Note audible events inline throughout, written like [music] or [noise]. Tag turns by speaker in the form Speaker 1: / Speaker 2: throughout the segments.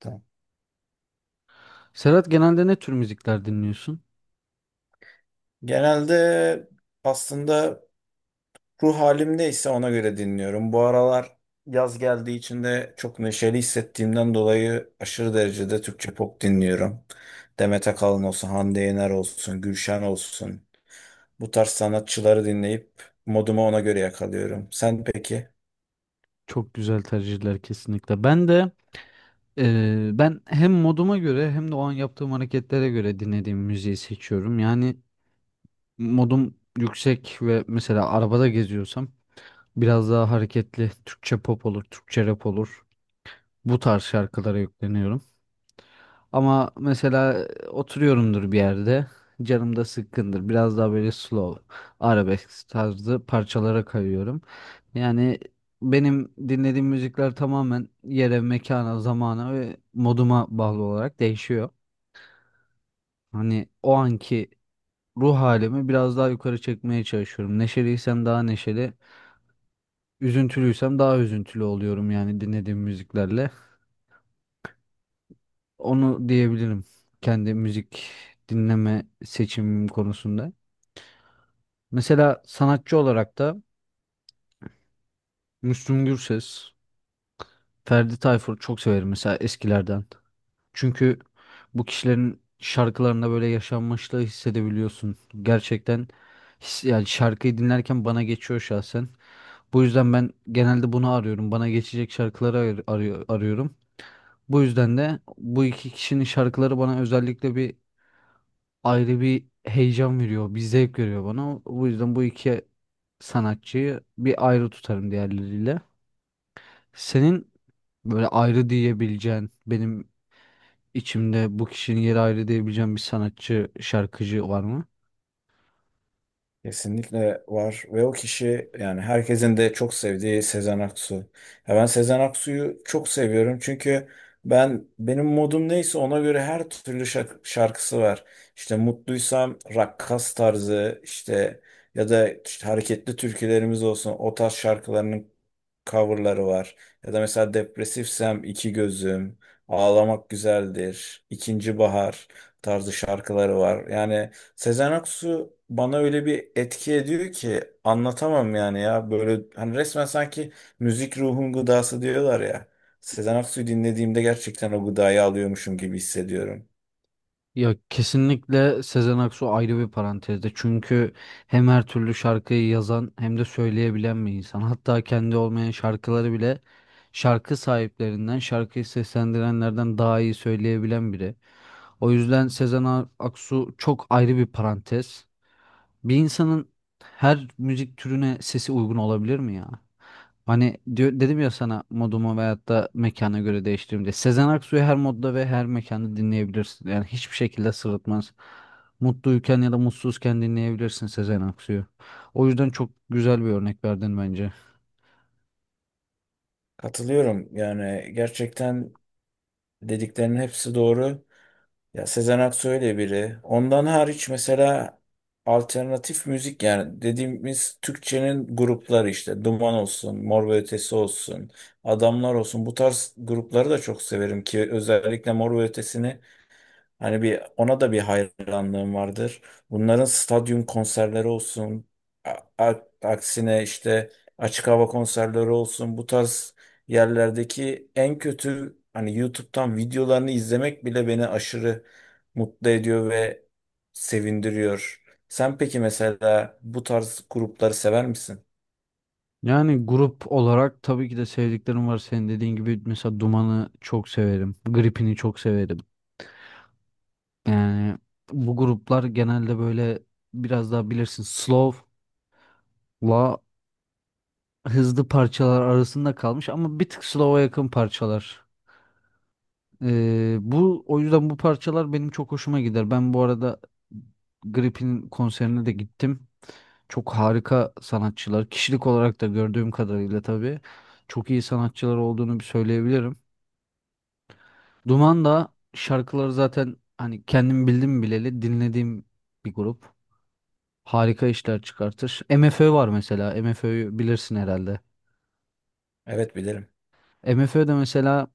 Speaker 1: Tamam.
Speaker 2: Serhat genelde ne tür müzikler dinliyorsun?
Speaker 1: Genelde aslında ruh halim halimdeyse ona göre dinliyorum. Bu aralar yaz geldiği için de çok neşeli hissettiğimden dolayı aşırı derecede Türkçe pop dinliyorum. Demet Akalın olsun, Hande Yener olsun, Gülşen olsun. Bu tarz sanatçıları dinleyip modumu ona göre yakalıyorum. Sen peki?
Speaker 2: Çok güzel tercihler kesinlikle. Ben de ben hem moduma göre hem de o an yaptığım hareketlere göre dinlediğim müziği seçiyorum. Yani modum yüksek ve mesela arabada geziyorsam biraz daha hareketli Türkçe pop olur, Türkçe rap olur. Bu tarz şarkılara yükleniyorum. Ama mesela oturuyorumdur bir yerde. Canım da sıkkındır. Biraz daha böyle slow, arabesk tarzı parçalara kayıyorum. Yani benim dinlediğim müzikler tamamen yere, mekana, zamana ve moduma bağlı olarak değişiyor. Hani o anki ruh halimi biraz daha yukarı çekmeye çalışıyorum. Neşeliysem daha neşeli, üzüntülüysem daha üzüntülü oluyorum yani dinlediğim müziklerle. Onu diyebilirim kendi müzik dinleme seçimim konusunda. Mesela sanatçı olarak da Müslüm Gürses, Ferdi Tayfur çok severim mesela eskilerden. Çünkü bu kişilerin şarkılarında böyle yaşanmışlığı hissedebiliyorsun. Gerçekten yani şarkıyı dinlerken bana geçiyor şahsen. Bu yüzden ben genelde bunu arıyorum. Bana geçecek şarkıları arıyor, arıyorum. Bu yüzden de bu iki kişinin şarkıları bana özellikle ayrı bir heyecan veriyor, bir zevk veriyor bana. Bu yüzden bu iki sanatçıyı bir ayrı tutarım diğerleriyle. Senin böyle ayrı diyebileceğin, benim içimde bu kişinin yeri ayrı diyebileceğin bir sanatçı, şarkıcı var mı?
Speaker 1: Kesinlikle var ve o kişi yani herkesin de çok sevdiği Sezen Aksu. Ya ben Sezen Aksu'yu çok seviyorum çünkü ben benim modum neyse ona göre her türlü şarkısı var. İşte mutluysam rakkas tarzı işte ya da işte hareketli türkülerimiz olsun o tarz şarkılarının coverları var. Ya da mesela depresifsem İki Gözüm, Ağlamak Güzeldir, İkinci Bahar tarzı şarkıları var. Yani Sezen Aksu bana öyle bir etki ediyor ki anlatamam yani ya böyle hani resmen sanki müzik ruhun gıdası diyorlar ya. Sezen Aksu'yu dinlediğimde gerçekten o gıdayı alıyormuşum gibi hissediyorum.
Speaker 2: Ya kesinlikle Sezen Aksu ayrı bir parantezde. Çünkü hem her türlü şarkıyı yazan hem de söyleyebilen bir insan. Hatta kendi olmayan şarkıları bile şarkı sahiplerinden, şarkıyı seslendirenlerden daha iyi söyleyebilen biri. O yüzden Sezen Aksu çok ayrı bir parantez. Bir insanın her müzik türüne sesi uygun olabilir mi ya? Hani diyor, dedim ya sana modumu veyahut da mekana göre değiştiririm diye. Sezen Aksu'yu her modda ve her mekanda dinleyebilirsin. Yani hiçbir şekilde sırıtmaz. Mutluyken ya da mutsuzken dinleyebilirsin Sezen Aksu'yu. O yüzden çok güzel bir örnek verdin bence.
Speaker 1: Katılıyorum yani gerçekten dediklerinin hepsi doğru. Ya Sezen Aksu öyle biri. Ondan hariç mesela alternatif müzik yani dediğimiz Türkçenin grupları işte Duman olsun, Mor ve Ötesi olsun, Adamlar olsun bu tarz grupları da çok severim ki özellikle Mor ve Ötesi'ni hani bir ona da bir hayranlığım vardır. Bunların stadyum konserleri olsun, aksine işte açık hava konserleri olsun, bu tarz yerlerdeki en kötü hani YouTube'dan videolarını izlemek bile beni aşırı mutlu ediyor ve sevindiriyor. Sen peki mesela bu tarz grupları sever misin?
Speaker 2: Yani grup olarak tabii ki de sevdiklerim var. Senin dediğin gibi mesela Duman'ı çok severim. Gripin'i çok severim. Yani bu gruplar genelde böyle biraz daha bilirsin slow'la hızlı parçalar arasında kalmış ama bir tık slow'a yakın parçalar. Bu o yüzden bu parçalar benim çok hoşuma gider. Ben bu arada Grip'in konserine de gittim. Çok harika sanatçılar. Kişilik olarak da gördüğüm kadarıyla tabii çok iyi sanatçılar olduğunu bir söyleyebilirim. Duman da şarkıları zaten hani kendim bildim bileli dinlediğim bir grup. Harika işler çıkartır. MFÖ var mesela. MFÖ'yü bilirsin herhalde.
Speaker 1: Evet bilirim.
Speaker 2: MFÖ de mesela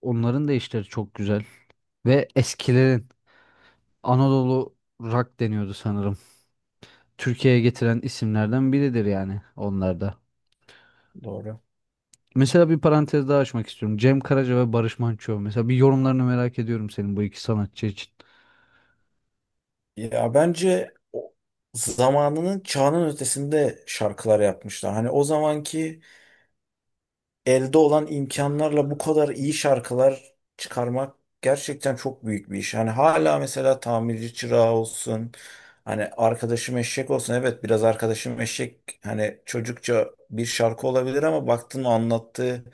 Speaker 2: onların da işleri çok güzel. Ve eskilerin Anadolu Rock deniyordu sanırım. Türkiye'ye getiren isimlerden biridir yani onlar da.
Speaker 1: Doğru.
Speaker 2: Mesela bir parantez daha açmak istiyorum. Cem Karaca ve Barış Manço. Mesela bir yorumlarını merak ediyorum senin bu iki sanatçı için.
Speaker 1: Ya bence zamanının çağının ötesinde şarkılar yapmışlar. Hani o zamanki elde olan imkanlarla bu kadar iyi şarkılar çıkarmak gerçekten çok büyük bir iş. Hani hala mesela tamirci çırağı olsun, hani arkadaşım eşek olsun. Evet biraz arkadaşım eşek hani çocukça bir şarkı olabilir ama baktın anlattığı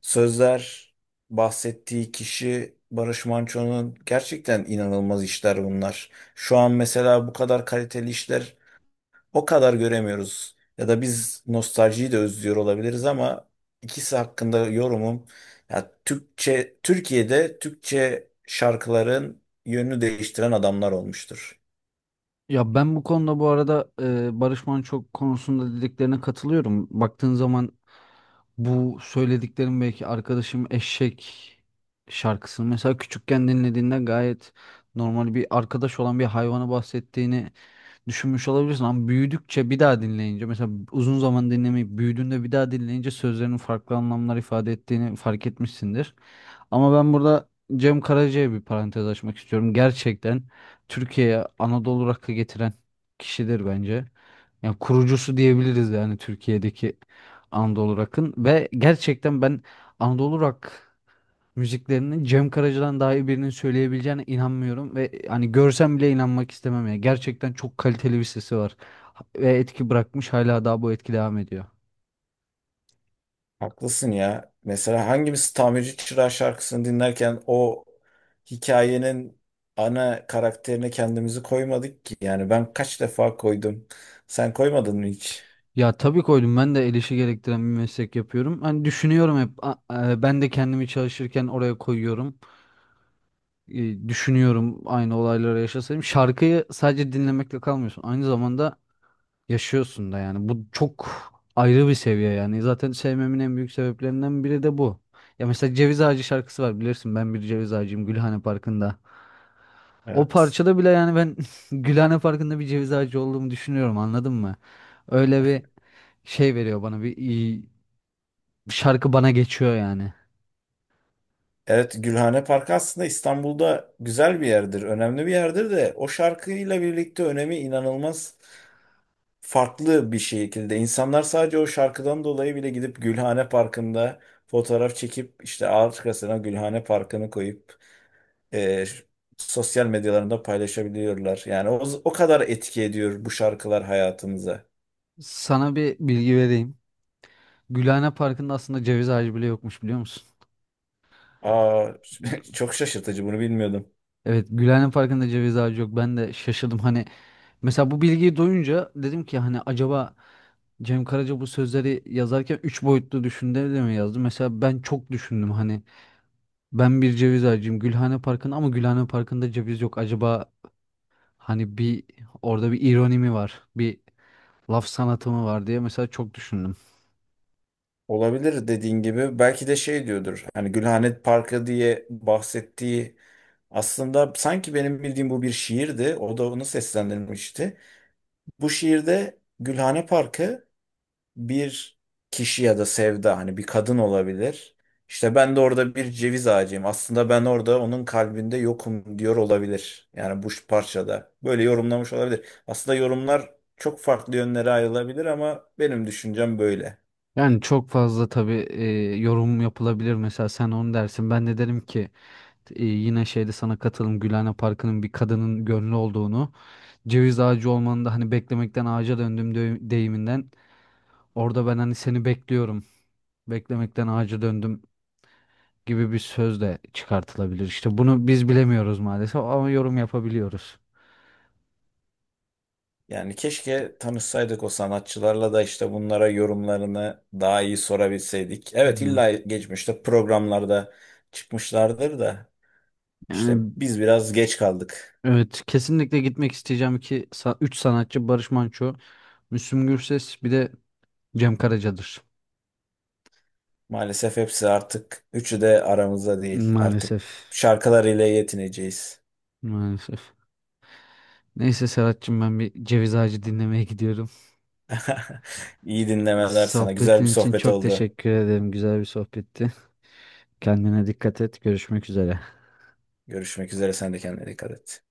Speaker 1: sözler, bahsettiği kişi Barış Manço'nun gerçekten inanılmaz işler bunlar. Şu an mesela bu kadar kaliteli işler o kadar göremiyoruz. Ya da biz nostaljiyi de özlüyor olabiliriz ama ikisi hakkında yorumum ya Türkçe Türkiye'de Türkçe şarkıların yönünü değiştiren adamlar olmuştur.
Speaker 2: Ya ben bu konuda bu arada Barış Manço konusunda dediklerine katılıyorum. Baktığın zaman bu söylediklerim belki arkadaşım Eşek şarkısını mesela küçükken dinlediğinde gayet normal bir arkadaş olan bir hayvanı bahsettiğini düşünmüş olabilirsin ama büyüdükçe bir daha dinleyince mesela uzun zaman dinlemeyip büyüdüğünde bir daha dinleyince sözlerinin farklı anlamlar ifade ettiğini fark etmişsindir. Ama ben burada Cem Karaca'ya bir parantez açmak istiyorum. Gerçekten Türkiye'ye Anadolu rock'ı getiren kişidir bence. Yani kurucusu diyebiliriz yani Türkiye'deki Anadolu rock'ın ve gerçekten ben Anadolu rock müziklerini Cem Karaca'dan daha iyi birinin söyleyebileceğine inanmıyorum ve hani görsem bile inanmak istemem ya. Gerçekten çok kaliteli bir sesi var ve etki bırakmış hala daha bu etki devam ediyor.
Speaker 1: Haklısın ya. Mesela hangimiz Tamirci Çırağı şarkısını dinlerken o hikayenin ana karakterine kendimizi koymadık ki. Yani ben kaç defa koydum. Sen koymadın mı hiç?
Speaker 2: Ya tabii koydum, ben de el işi gerektiren bir meslek yapıyorum. Hani düşünüyorum hep ben de kendimi çalışırken oraya koyuyorum. E, Düşünüyorum aynı olayları yaşasaydım. Şarkıyı sadece dinlemekle kalmıyorsun. Aynı zamanda yaşıyorsun da yani. Bu çok ayrı bir seviye yani. Zaten sevmemin en büyük sebeplerinden biri de bu. Ya mesela Ceviz Ağacı şarkısı var, bilirsin, ben bir ceviz ağacıyım Gülhane Parkı'nda. O
Speaker 1: Evet.
Speaker 2: parçada bile yani ben [laughs] Gülhane Parkı'nda bir ceviz ağacı olduğumu düşünüyorum, anladın mı? Öyle bir şey veriyor bana, bir şarkı bana geçiyor yani.
Speaker 1: Evet, Gülhane Parkı aslında İstanbul'da güzel bir yerdir, önemli bir yerdir de o şarkıyla birlikte önemi inanılmaz farklı bir şekilde. İnsanlar sadece o şarkıdan dolayı bile gidip Gülhane Parkı'nda fotoğraf çekip işte arkasına Gülhane Parkı'nı koyup e, sosyal medyalarında paylaşabiliyorlar. Yani o, o kadar etki ediyor bu şarkılar hayatımıza.
Speaker 2: Sana bir bilgi vereyim. Gülhane Parkı'nda aslında ceviz ağacı bile yokmuş, biliyor musun?
Speaker 1: Aa, [laughs] çok şaşırtıcı, bunu bilmiyordum.
Speaker 2: Evet, Gülhane Parkı'nda ceviz ağacı yok. Ben de şaşırdım hani. Mesela bu bilgiyi duyunca dedim ki hani acaba Cem Karaca bu sözleri yazarken üç boyutlu düşündü de mi yazdı? Mesela ben çok düşündüm hani ben bir ceviz ağacıyım Gülhane Parkı'nda ama Gülhane Parkı'nda ceviz yok. Acaba hani orada bir ironi mi var? Bir laf sanatı mı var diye mesela çok düşündüm.
Speaker 1: Olabilir, dediğin gibi belki de şey diyordur. Hani Gülhane Parkı diye bahsettiği, aslında sanki benim bildiğim bu bir şiirdi. O da onu seslendirmişti. Bu şiirde Gülhane Parkı bir kişi ya da sevda, hani bir kadın olabilir. İşte ben de orada bir ceviz ağacıyım. Aslında ben orada onun kalbinde yokum diyor olabilir. Yani bu parçada böyle yorumlamış olabilir. Aslında yorumlar çok farklı yönlere ayrılabilir ama benim düşüncem böyle.
Speaker 2: Yani çok fazla tabii yorum yapılabilir. Mesela sen onu dersin. Ben de derim ki yine şeyde sana katılım Gülhane Parkı'nın bir kadının gönlü olduğunu. Ceviz ağacı olmanı da hani beklemekten ağaca deyiminden orada ben hani seni bekliyorum, beklemekten ağaca döndüm gibi bir söz de çıkartılabilir. İşte bunu biz bilemiyoruz maalesef ama yorum yapabiliyoruz.
Speaker 1: Yani keşke tanışsaydık o sanatçılarla da işte bunlara yorumlarını daha iyi sorabilseydik. Evet
Speaker 2: Hı.
Speaker 1: illa geçmişte programlarda çıkmışlardır da işte
Speaker 2: Yani
Speaker 1: biz biraz geç kaldık.
Speaker 2: evet, kesinlikle gitmek isteyeceğim ki 3 sanatçı Barış Manço, Müslüm Gürses bir de Cem Karaca'dır.
Speaker 1: Maalesef hepsi artık üçü de aramızda değil. Artık
Speaker 2: Maalesef.
Speaker 1: şarkılarıyla yetineceğiz.
Speaker 2: Maalesef. Neyse Serhat'cığım, ben bir ceviz ağacı dinlemeye gidiyorum.
Speaker 1: [laughs] İyi dinlemeler sana. Güzel bir
Speaker 2: Sohbetin için
Speaker 1: sohbet
Speaker 2: çok
Speaker 1: oldu.
Speaker 2: teşekkür ederim. Güzel bir sohbetti. Kendine dikkat et. Görüşmek üzere.
Speaker 1: Görüşmek üzere. Sen de kendine dikkat et.